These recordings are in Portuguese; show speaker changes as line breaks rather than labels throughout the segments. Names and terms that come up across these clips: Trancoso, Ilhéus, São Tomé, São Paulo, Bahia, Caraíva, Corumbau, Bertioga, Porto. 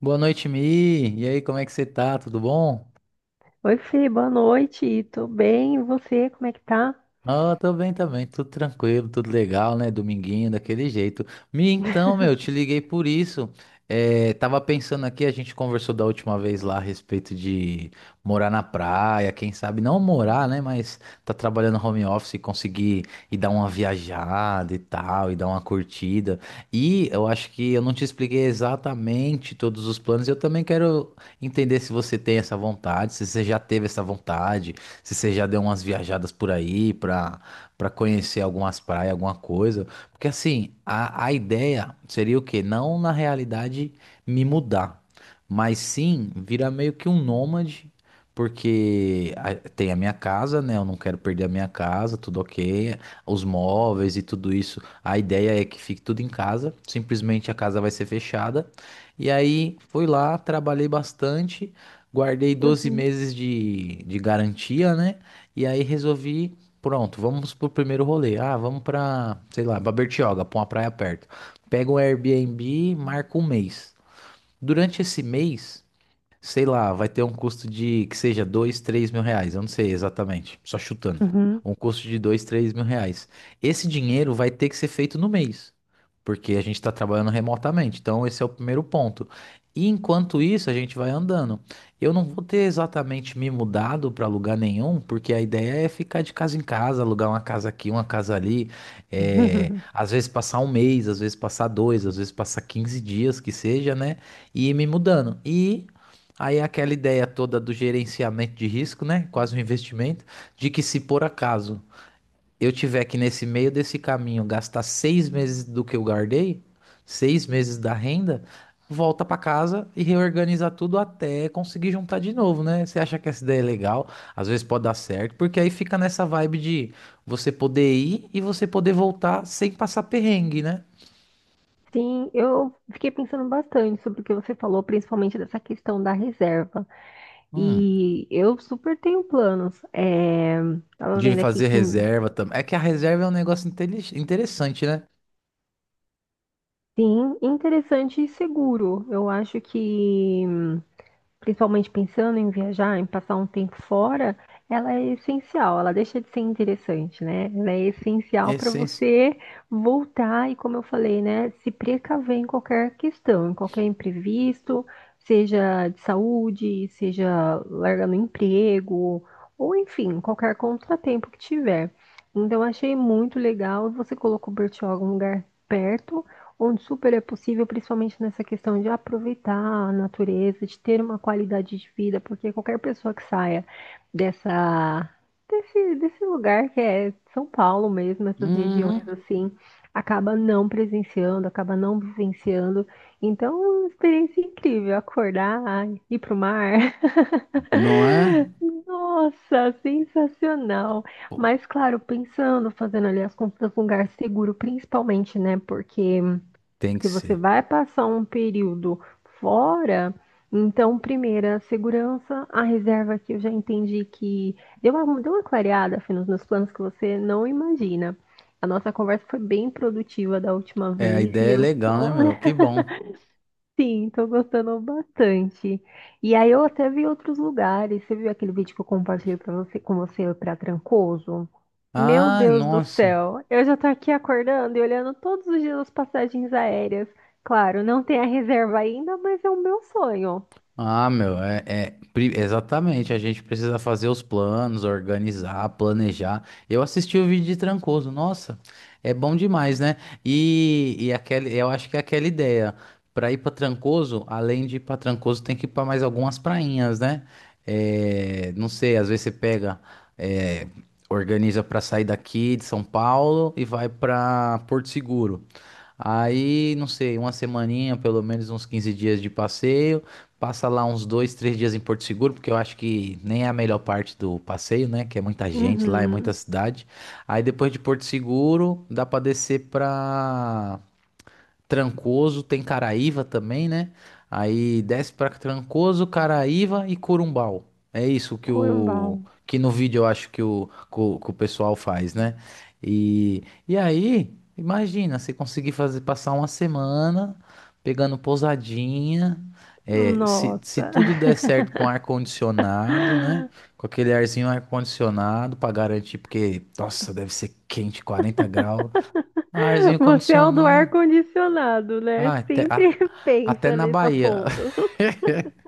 Boa noite, Mi. E aí, como é que você tá? Tudo bom?
Oi, Fê, boa noite. Tô bem, e você, como é que tá?
Ah, tô bem também, tudo tranquilo, tudo legal, né? Dominguinho, daquele jeito. Mi, então, meu, te liguei por isso. É, tava pensando aqui, a gente conversou da última vez lá a respeito de morar na praia, quem sabe não morar, né? Mas tá trabalhando home office e conseguir ir dar uma viajada e tal, e dar uma curtida. E eu acho que eu não te expliquei exatamente todos os planos. Eu também quero entender se você tem essa vontade, se você já teve essa vontade, se você já deu umas viajadas por aí pra, pra conhecer algumas praias, alguma coisa. Porque assim, a ideia seria o quê? Não, na realidade, me mudar, mas sim virar meio que um nômade. Porque tem a minha casa, né? Eu não quero perder a minha casa, tudo ok. Os móveis e tudo isso. A ideia é que fique tudo em casa. Simplesmente a casa vai ser fechada. E aí fui lá, trabalhei bastante. Guardei doze
Uhum,
meses de garantia, né? E aí resolvi, pronto, vamos pro primeiro rolê. Ah, vamos pra, sei lá, pra Bertioga, pra uma praia perto. Pego um Airbnb, marco um mês. Durante esse mês, sei lá, vai ter um custo de que seja 2, 3 mil reais, eu não sei exatamente, só chutando.
uhum.
Um custo de 2, 3 mil reais. Esse dinheiro vai ter que ser feito no mês, porque a gente está trabalhando remotamente. Então, esse é o primeiro ponto. E enquanto isso, a gente vai andando. Eu não vou ter exatamente me mudado para lugar nenhum, porque a ideia é ficar de casa em casa, alugar uma casa aqui, uma casa ali. É, às vezes passar um mês, às vezes passar dois, às vezes passar 15 dias, que seja, né? E ir me mudando. E aí é aquela ideia toda do gerenciamento de risco, né? Quase um investimento, de que, se por acaso eu tiver que nesse meio desse caminho gastar 6 meses do que eu guardei, 6 meses da renda, volta para casa e reorganizar tudo até conseguir juntar de novo, né? Você acha que essa ideia é legal? Às vezes pode dar certo, porque aí fica nessa vibe de você poder ir e você poder voltar sem passar perrengue, né?
Sim, eu fiquei pensando bastante sobre o que você falou, principalmente dessa questão da reserva.
Hum.
E eu super tenho planos. Tava
De
vendo aqui
fazer
que,
reserva também. É que a reserva é um negócio interessante, né?
sim, interessante e seguro. Eu acho que principalmente pensando em viajar, em passar um tempo fora, ela é essencial, ela deixa de ser interessante, né? Ela é essencial para
Essen-
você voltar e, como eu falei, né, se precaver em qualquer questão, em qualquer imprevisto, seja de saúde, seja largando o emprego, ou enfim, qualquer contratempo que tiver. Então, eu achei muito legal, você colocou Bertioga em um lugar perto, onde super é possível, principalmente nessa questão de aproveitar a natureza, de ter uma qualidade de vida, porque qualquer pessoa que saia dessa, desse lugar que é São Paulo mesmo, essas regiões
Uhum.
assim, acaba não presenciando, acaba não vivenciando. Então, é uma experiência incrível, acordar, ir pro mar.
Não é?
Nossa, sensacional.
Pô,
Mas claro, pensando, fazendo ali as compras num lugar seguro, principalmente, né? Porque
tem que
se você
ser.
vai passar um período fora, então, primeiro, a segurança, a reserva que eu já entendi que deu uma clareada, Fê, nos meus planos que você não imagina. A nossa conversa foi bem produtiva da última
É, a
vez e
ideia é
eu
legal, né,
estou
meu? Que bom.
Sim, tô gostando bastante. E aí eu até vi outros lugares. Você viu aquele vídeo que eu compartilhei para você, com você para Trancoso? Meu
Ai,
Deus do
nossa.
céu, eu já tô aqui acordando e olhando todos os dias as passagens aéreas. Claro, não tem a reserva ainda, mas é o meu sonho.
Ah, meu, é exatamente. A gente precisa fazer os planos, organizar, planejar. Eu assisti o vídeo de Trancoso, nossa, é bom demais, né? E aquele, eu acho que é aquela ideia. Pra ir pra Trancoso, além de ir pra Trancoso, tem que ir pra mais algumas prainhas, né? É, não sei, às vezes você pega, é, organiza pra sair daqui de São Paulo e vai pra Porto Seguro. Aí, não sei, uma semaninha, pelo menos uns 15 dias de passeio. Passa lá uns dois, três dias em Porto Seguro, porque eu acho que nem é a melhor parte do passeio, né? Que é muita gente lá, é muita
Uhum.
cidade. Aí depois de Porto Seguro, dá pra descer pra Trancoso, tem Caraíva também, né? Aí desce pra Trancoso, Caraíva e Corumbau. É isso que o,
Corumbau.
que no vídeo eu acho que o pessoal faz, né? E, e aí, imagina, você conseguir fazer passar uma semana pegando pousadinha, é, se
Nossa.
tudo der certo com ar-condicionado, né? Com aquele arzinho ar-condicionado pra garantir, porque, nossa, deve ser quente, 40 graus. Arzinho
Você é o do
condicionado.
ar-condicionado, né?
Ah,
Sempre
até
pensa
na
nesse
Bahia.
ponto.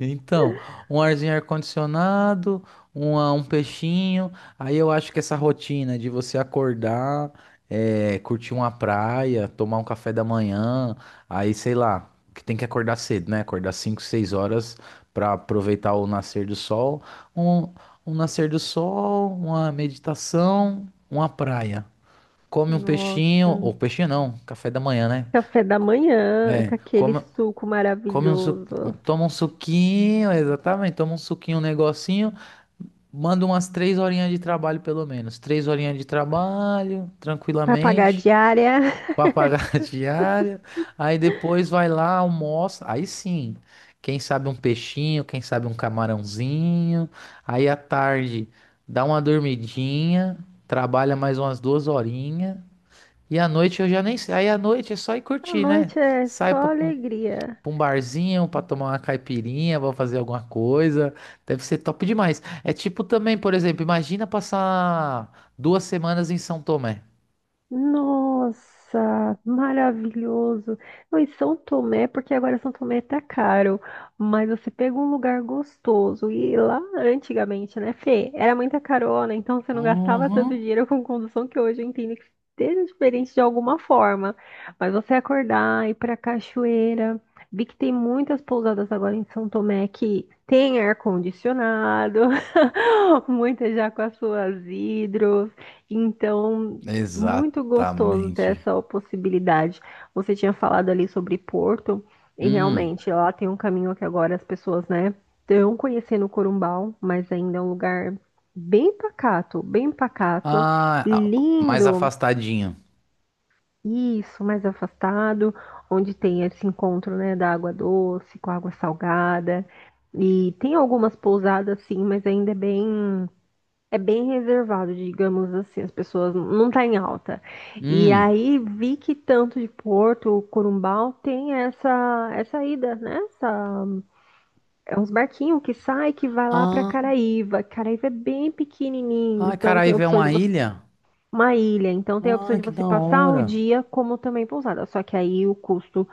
Então, um arzinho ar-condicionado, um peixinho. Aí eu acho que essa rotina de você acordar, curtir uma praia, tomar um café da manhã, aí sei lá, que tem que acordar cedo, né? Acordar 5, 6 horas para aproveitar o nascer do sol. Um, um nascer do sol, uma meditação, uma praia. Come um peixinho,
Nossa.
ou peixinho não, café da manhã, né?
Café da manhã,
É,
com aquele
come,
suco
come um
maravilhoso.
toma um suquinho, exatamente. Toma um suquinho, um negocinho. Manda umas 3 horinhas de trabalho, pelo menos. 3 horinhas de trabalho,
Pra pagar a
tranquilamente,
diária.
pra pagar a diária. Aí depois vai lá, almoça. Aí sim, quem sabe um peixinho, quem sabe um camarãozinho. Aí à tarde dá uma dormidinha, trabalha mais umas 2 horinhas. E à noite eu já nem sei. Aí à noite é só ir
A
curtir, né?
noite é
Sai pra
só
um,
alegria.
pra um barzinho, pra tomar uma caipirinha, pra fazer alguma coisa. Deve ser top demais. É tipo também, por exemplo, imagina passar 2 semanas em São Tomé.
Nossa, maravilhoso. Não, e São Tomé, porque agora São Tomé tá caro, mas você pega um lugar gostoso. E lá antigamente, né, Fê, era muita carona, então você não gastava tanto
Uhum.
dinheiro com condução que hoje eu entendo que seja diferente de alguma forma. Mas você acordar, ir pra cachoeira. Vi que tem muitas pousadas agora em São Tomé que tem ar-condicionado, muitas já com as suas hidros. Então, muito gostoso ter
Exatamente.
essa possibilidade. Você tinha falado ali sobre Porto, e
Hum.
realmente lá tem um caminho que agora as pessoas, né, estão conhecendo Corumbau, mas ainda é um lugar bem pacato,
Ah, ah, mais
lindo,
afastadinho.
isso, mais afastado, onde tem esse encontro, né, da água doce com a água salgada. E tem algumas pousadas, sim, mas ainda é bem reservado, digamos assim, as pessoas não tá em alta. E
Hum.
aí vi que tanto de Porto, Corumbau tem essa ida, né? Essa, é uns barquinhos que sai que vai lá para
Ah,
Caraíva. Caraíva é bem pequenininho,
ah,
então tem a
Caraíva é
opção
uma
de você
ilha?
uma ilha, então tem a opção
Ah,
de
que
você
da
passar o
hora.
dia como também pousada, só que aí o custo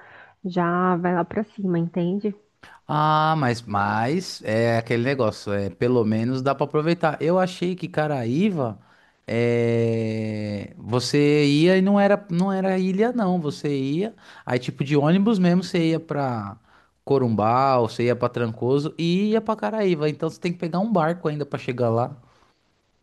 já vai lá para cima, entende?
Ah, mas é aquele negócio, é, pelo menos dá pra aproveitar. Eu achei que Caraíva, é, você ia e não era, não era ilha não, você ia, aí tipo de ônibus mesmo, você ia pra Corumbau, você ia pra Trancoso e ia pra Caraíva, então você tem que pegar um barco ainda pra chegar lá.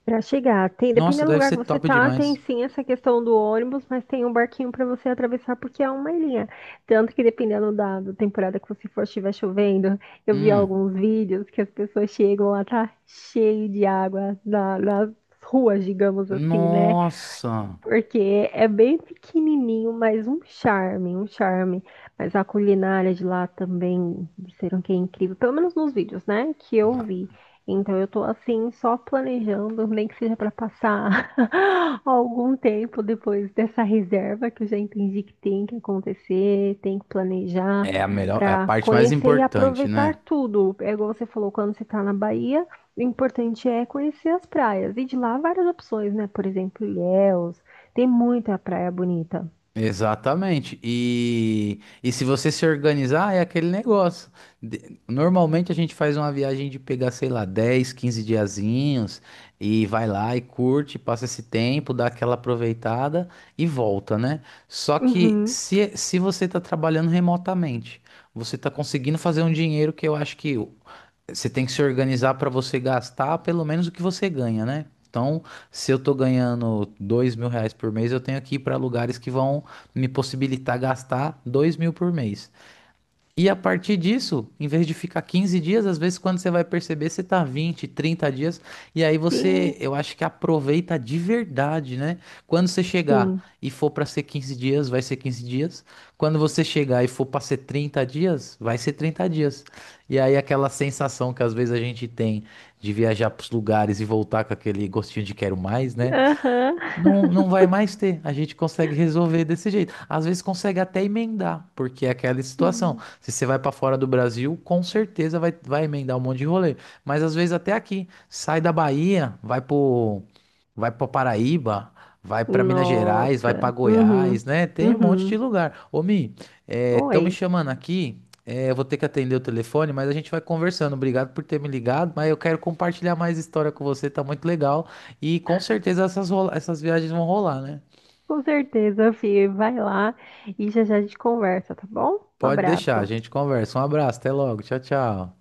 Para chegar, tem,
Nossa,
dependendo do
deve
lugar
ser
que você
top
tá, tem
demais.
sim essa questão do ônibus, mas tem um barquinho para você atravessar porque é uma ilha. Tanto que dependendo da temporada que você for, estiver chovendo, eu vi
Hum,
alguns vídeos que as pessoas chegam lá, tá cheio de água na- nas ruas, digamos assim, né?
nossa.
Porque é bem pequenininho, mas um charme, um charme. Mas a culinária de lá também disseram que é incrível, pelo menos nos vídeos, né, que eu vi. Então eu tô assim só planejando, nem que seja para passar algum tempo depois dessa reserva que eu já entendi que tem que acontecer, tem que planejar
É a melhor, é a
para
parte mais
conhecer e
importante,
aproveitar
né?
tudo. É igual você falou, quando você tá na Bahia, o importante é conhecer as praias. E de lá várias opções, né? Por exemplo, Ilhéus, tem muita praia bonita.
Exatamente. E se você se organizar, é aquele negócio. Normalmente a gente faz uma viagem de pegar, sei lá, 10, 15 diazinhos e vai lá e curte, passa esse tempo, dá aquela aproveitada e volta, né? Só que
Uhum.
se você está trabalhando remotamente, você está conseguindo fazer um dinheiro que eu acho que você tem que se organizar para você gastar pelo menos o que você ganha, né? Então, se eu tô ganhando 2 mil reais por mês, eu tenho que ir para lugares que vão me possibilitar gastar 2 mil por mês. E a partir disso, em vez de ficar 15 dias, às vezes, quando você vai perceber, você tá 20, 30 dias, e aí você,
Sim,
eu acho que aproveita de verdade, né? Quando você chegar
sim.
e for para ser 15 dias, vai ser 15 dias. Quando você chegar e for para ser 30 dias, vai ser 30 dias. E aí aquela sensação que às vezes a gente tem de viajar para os lugares e voltar com aquele gostinho de quero mais, né?
Aham.
Não, não vai mais ter. A gente consegue resolver desse jeito. Às vezes consegue até emendar, porque é aquela situação.
Sim.
Se você vai para fora do Brasil, com certeza vai, emendar um monte de rolê. Mas às vezes até aqui. Sai da Bahia, vai pro, vai para Paraíba, vai para Minas Gerais, vai para
Nossa. Uhum.
Goiás, né? Tem um monte
Uhum.
de lugar. Ô, Mi, estão me
Oi.
chamando aqui. É, eu vou ter que atender o telefone, mas a gente vai conversando. Obrigado por ter me ligado, mas eu quero compartilhar mais história com você, tá muito legal. E com certeza essas, essas viagens vão rolar, né?
Com certeza, Fih. Vai lá e já já a gente conversa, tá bom? Um
Pode deixar, a
abraço.
gente conversa. Um abraço, até logo. Tchau, tchau.